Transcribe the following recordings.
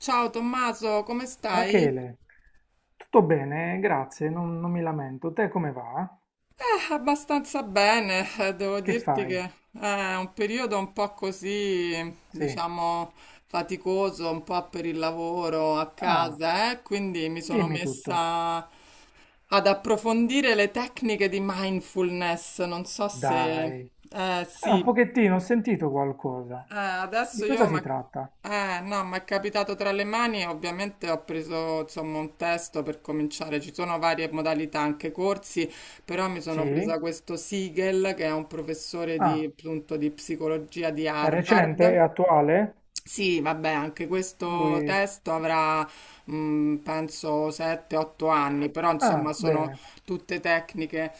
Ciao Tommaso, come stai? Rachele, tutto bene? Grazie, non mi lamento. Te come va? Ah, abbastanza bene, devo Che dirti che fai? è un periodo un po' così, Sì. diciamo, faticoso, un po' per il lavoro a Ah, casa, eh? Quindi mi sono dimmi tutto. messa ad approfondire le tecniche di mindfulness. Non so Dai. se... Eh Un sì. pochettino, ho sentito qualcosa. Di Adesso cosa io, si ma... tratta? No, mi è capitato tra le mani, ovviamente ho preso insomma un testo per cominciare, ci sono varie modalità, anche corsi, però mi sono presa Sì. questo Siegel che è un professore di, Ah, appunto, di psicologia di è recente? È Harvard. attuale? Sì, vabbè, anche questo Lui... testo avrà, penso, 7-8 anni, però insomma Ah, sono bene, tutte tecniche.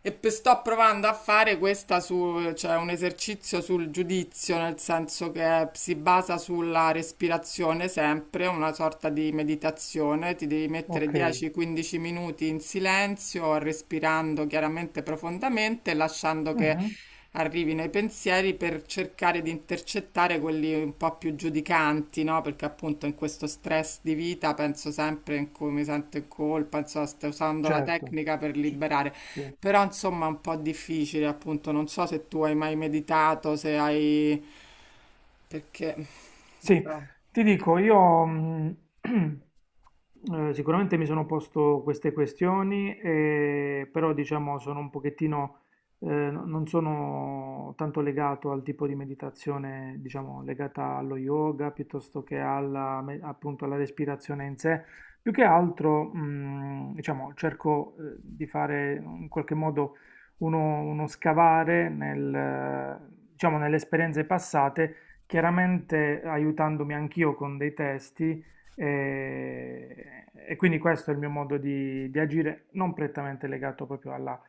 Sto provando a fare questa su, cioè un esercizio sul giudizio, nel senso che si basa sulla respirazione sempre, una sorta di meditazione. Ti devi mettere ok. 10-15 minuti in silenzio, respirando chiaramente profondamente, lasciando che Mhm. arrivino i pensieri per cercare di intercettare quelli un po' più giudicanti, no? Perché appunto in questo stress di vita penso sempre in cui mi sento in colpa, insomma, sto usando la Certo. tecnica per Ci- liberare. Sì. Però insomma è un po' difficile, appunto, non so se tu hai mai meditato, se hai... perché... Sì, ti dico, io sicuramente mi sono posto queste questioni, però diciamo sono un pochettino, non sono tanto legato al tipo di meditazione, diciamo, legata allo yoga piuttosto che alla, appunto alla respirazione in sé. Più che altro, diciamo, cerco, di fare in qualche modo uno scavare nel, diciamo, nelle esperienze passate, chiaramente aiutandomi anch'io con dei testi e quindi questo è il mio modo di agire, non prettamente legato proprio alla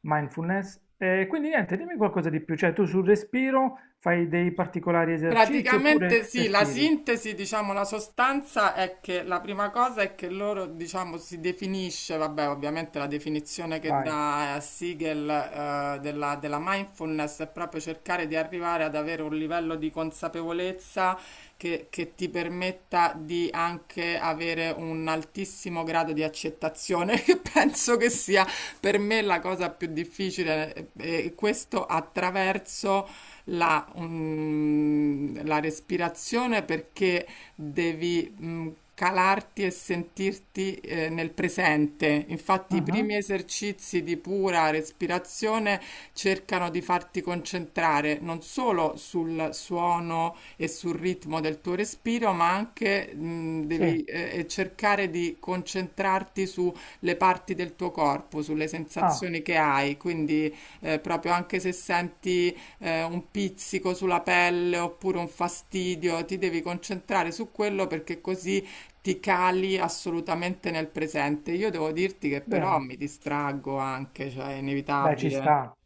mindfulness. E quindi niente, dimmi qualcosa di più, cioè tu sul respiro fai dei particolari esercizi Praticamente oppure sì, la respiri? sintesi, diciamo, la sostanza è che la prima cosa è che loro, diciamo, si definisce, vabbè, ovviamente la definizione che Vai. dà Siegel della, della mindfulness è proprio cercare di arrivare ad avere un livello di consapevolezza che ti permetta di anche avere un altissimo grado di accettazione, che penso che sia per me la cosa più difficile, e questo attraverso la, la respirazione perché devi calarti e sentirti, nel presente. Infatti, i primi Mhm. esercizi di pura respirazione cercano di farti concentrare non solo sul suono e sul ritmo del tuo respiro, ma anche, Sì, devi, cercare di concentrarti sulle parti del tuo corpo, sulle ah, sensazioni che hai. Quindi, proprio anche se senti, un pizzico sulla pelle oppure un fastidio, ti devi concentrare su quello perché così ti cali assolutamente nel presente. Io devo dirti che però bene. mi distraggo anche, cioè è Beh, ci inevitabile. sta.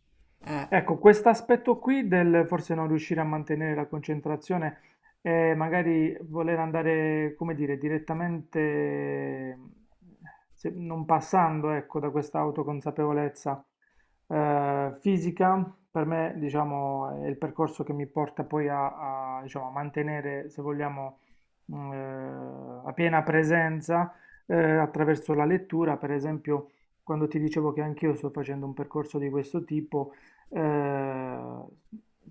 Eh. Ecco, quest'aspetto qui del forse non riuscire a mantenere la concentrazione e magari voler andare, come dire, direttamente, non passando, ecco, da questa autoconsapevolezza fisica, per me, diciamo, è il percorso che mi porta poi diciamo, a mantenere, se vogliamo, a piena presenza attraverso la lettura, per esempio, quando ti dicevo che anch'io sto facendo un percorso di questo tipo, eh,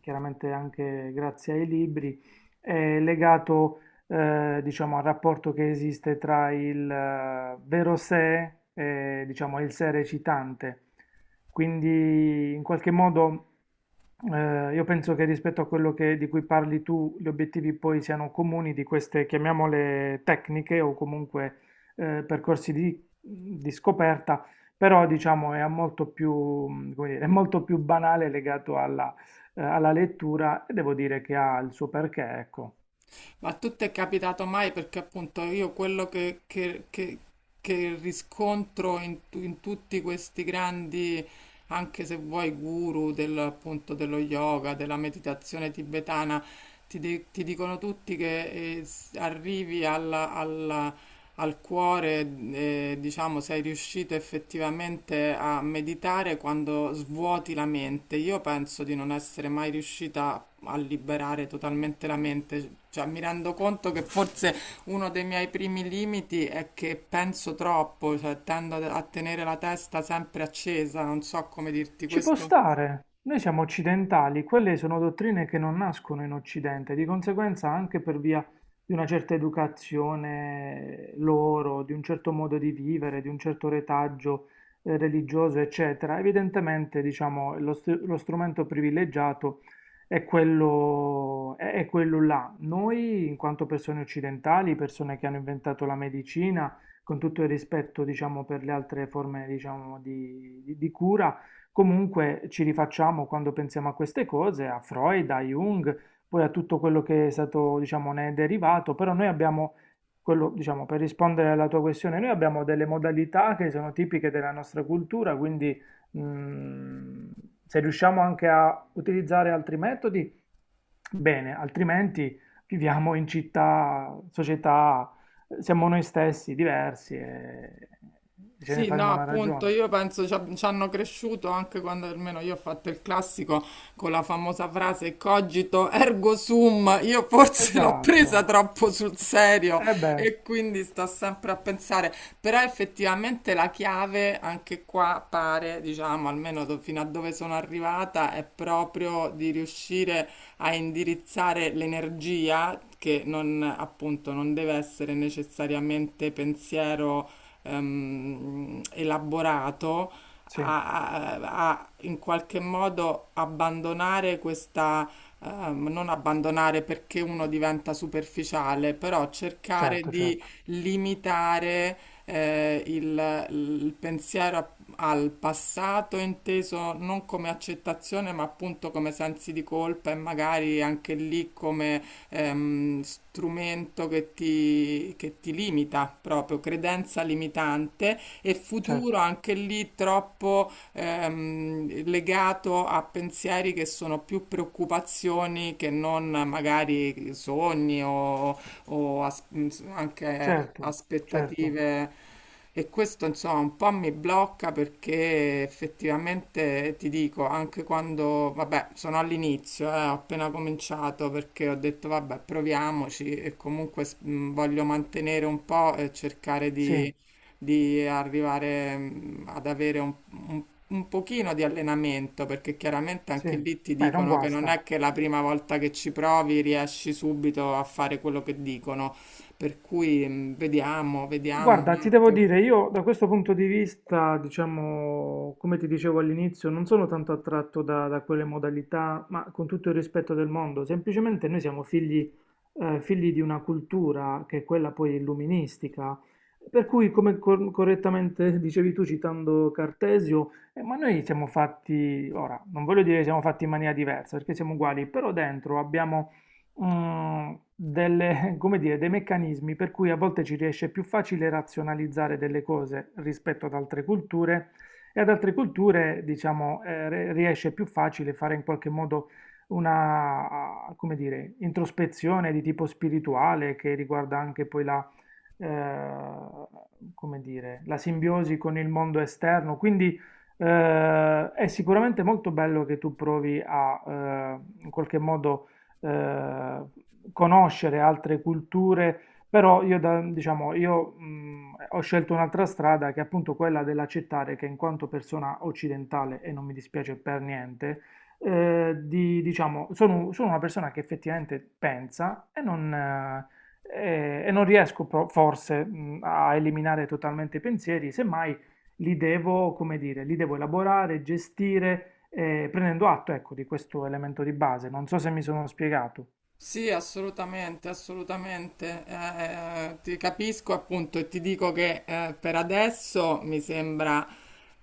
chiaramente anche grazie ai libri, è legato, diciamo, al rapporto che esiste tra il vero sé e, diciamo, il sé recitante. Quindi, in qualche modo, io penso che rispetto a quello di cui parli tu, gli obiettivi poi siano comuni di queste, chiamiamole tecniche o comunque percorsi di scoperta, però diciamo è molto più, come dire, è molto più banale legato alla, alla lettura, e devo dire che ha il suo perché, ecco. Ma a tu ti è capitato mai? Perché appunto io quello che, che riscontro in, in tutti questi grandi, anche se vuoi, guru del, appunto, dello yoga, della meditazione tibetana, ti dicono tutti che, arrivi al cuore, diciamo, sei riuscito effettivamente a meditare quando svuoti la mente. Io penso di non essere mai riuscita a liberare totalmente la mente. Cioè, mi rendo conto che forse uno dei miei primi limiti è che penso troppo, cioè tendo a tenere la testa sempre accesa, non so come dirti Ci può questo. stare. Noi siamo occidentali, quelle sono dottrine che non nascono in Occidente, di conseguenza anche per via di una certa educazione loro, di un certo modo di vivere, di un certo retaggio religioso, eccetera. Evidentemente, diciamo, lo strumento privilegiato è quello, è quello là. Noi, in quanto persone occidentali, persone che hanno inventato la medicina, con tutto il rispetto, diciamo, per le altre forme, diciamo, di cura, comunque ci rifacciamo quando pensiamo a queste cose, a Freud, a Jung, poi a tutto quello che è stato, diciamo, ne è derivato, però noi abbiamo, quello, diciamo, per rispondere alla tua questione, noi abbiamo delle modalità che sono tipiche della nostra cultura, quindi mm, se riusciamo anche a utilizzare altri metodi, bene, altrimenti viviamo in città, società, siamo noi stessi diversi e ce ne Sì, no, faremo una appunto, ragione. io penso ci hanno cresciuto anche quando almeno io ho fatto il classico con la famosa frase cogito ergo sum, io forse l'ho presa Esatto. troppo sul serio E beh. e quindi sto sempre a pensare, però effettivamente la chiave anche qua pare, diciamo, fino a dove sono arrivata, è proprio di riuscire a indirizzare l'energia che non, appunto, non deve essere necessariamente pensiero, elaborato, Sì, a in qualche modo abbandonare questa, non abbandonare perché uno diventa superficiale, però cercare certo, di certo, limitare, il pensiero al passato inteso non come accettazione, ma appunto come sensi di colpa e magari anche lì come, strumento che ti limita proprio, credenza limitante e futuro certo, anche lì troppo, legato a pensieri che sono più preoccupazioni che non magari sogni o o as- anche certo, certo, aspettative. E questo insomma un po' mi blocca perché effettivamente ti dico, anche quando, vabbè, sono all'inizio, ho appena cominciato perché ho detto vabbè, proviamoci e comunque voglio mantenere un po' e cercare sì, di arrivare, ad avere un un pochino di allenamento, perché chiaramente sì, anche lì ti beh, non dicono che non guasta. è che la prima volta che ci provi riesci subito a fare quello che dicono, per cui, vediamo, vediamo un Guarda, ti devo attimo. dire, io da questo punto di vista, diciamo, come ti dicevo all'inizio, non sono tanto attratto da quelle modalità, ma con tutto il rispetto del mondo, semplicemente noi siamo figli, figli di una cultura che è quella poi illuministica, per cui, come correttamente dicevi tu citando Cartesio, ma noi siamo fatti, ora, non voglio dire siamo fatti in maniera diversa, perché siamo uguali, però dentro abbiamo delle, come dire, dei meccanismi per cui a volte ci riesce più facile razionalizzare delle cose rispetto ad altre culture, e ad altre culture, diciamo, riesce più facile fare in qualche modo una, come dire, introspezione di tipo spirituale che riguarda anche poi la, come dire, la simbiosi con il mondo esterno. Quindi è sicuramente molto bello che tu provi a, in qualche modo, eh, conoscere altre culture, però io, diciamo, io ho scelto un'altra strada che è appunto quella dell'accettare che in quanto persona occidentale, e non mi dispiace per niente, diciamo, sono una persona che effettivamente pensa e non, e non riesco pro- forse a eliminare totalmente i pensieri, semmai li devo elaborare, gestire, prendendo atto, ecco, di questo elemento di base. Non so se mi sono spiegato, Sì, assolutamente, assolutamente. Ti capisco appunto e ti dico che, per adesso mi sembra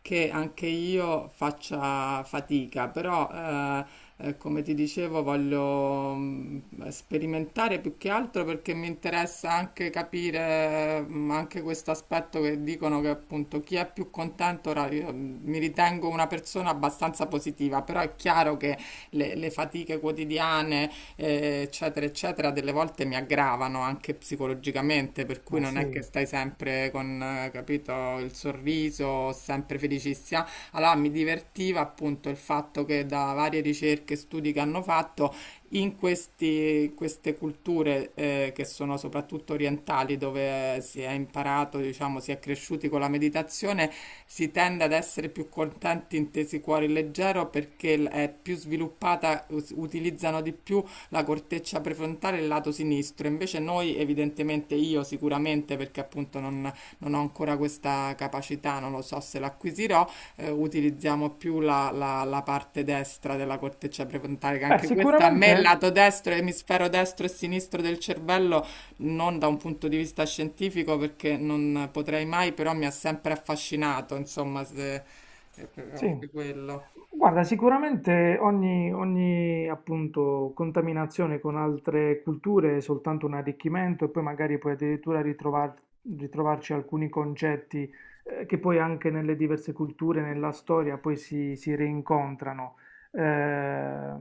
che anche io faccia fatica, però, come ti dicevo voglio, sperimentare più che altro perché mi interessa anche capire, anche questo aspetto che dicono che appunto chi è più contento, ora io, mi ritengo una persona abbastanza positiva, però è chiaro che le fatiche quotidiane, eccetera, eccetera, delle volte mi aggravano anche psicologicamente, per cui ma non è che sì. stai sempre con, capito, il sorriso, sempre felicissima. Allora mi divertiva appunto il fatto che da varie ricerche e studi che hanno fatto in queste culture, che sono soprattutto orientali, dove si è imparato, diciamo, si è cresciuti con la meditazione, si tende ad essere più contenti, intesi cuore leggero, perché è più sviluppata, utilizzano di più la corteccia prefrontale e il lato sinistro. Invece noi, evidentemente io sicuramente, perché appunto non, non ho ancora questa capacità, non lo so se l'acquisirò, utilizziamo più la, la parte destra della corteccia prefrontale, che Beh, anche questa a me il sicuramente lato destro, emisfero destro e sinistro del cervello, non da un punto di vista scientifico, perché non potrei mai, però mi ha sempre affascinato, insomma, se, è proprio anche sì. quello. Guarda, sicuramente ogni, appunto, contaminazione con altre culture è soltanto un arricchimento, e poi magari puoi addirittura ritrovarci alcuni concetti che poi anche nelle diverse culture, nella storia, poi si rincontrano. Eh, eh,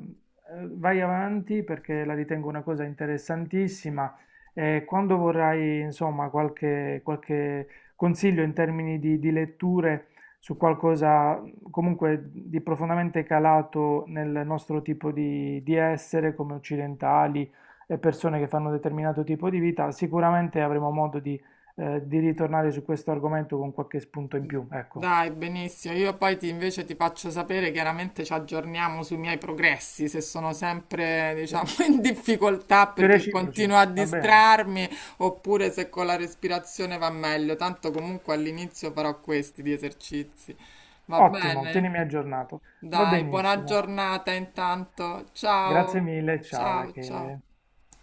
vai avanti perché la ritengo una cosa interessantissima, e quando vorrai, insomma, qualche consiglio in termini di letture su qualcosa comunque di profondamente calato nel nostro tipo di essere come occidentali e persone che fanno un determinato tipo di vita, sicuramente avremo modo di ritornare su questo argomento con qualche spunto in più, ecco, Dai, benissimo. Io poi invece ti faccio sapere, chiaramente ci aggiorniamo sui miei progressi, se sono sempre, diciamo, sui in difficoltà perché reciproci, continuo a va bene? distrarmi, oppure se con la respirazione va meglio. Tanto comunque all'inizio farò questi di esercizi. Va Ottimo, bene? tienimi aggiornato, va Dai, buona benissimo. giornata intanto. Ciao. Grazie mille, ciao Ciao, ciao. Rachele.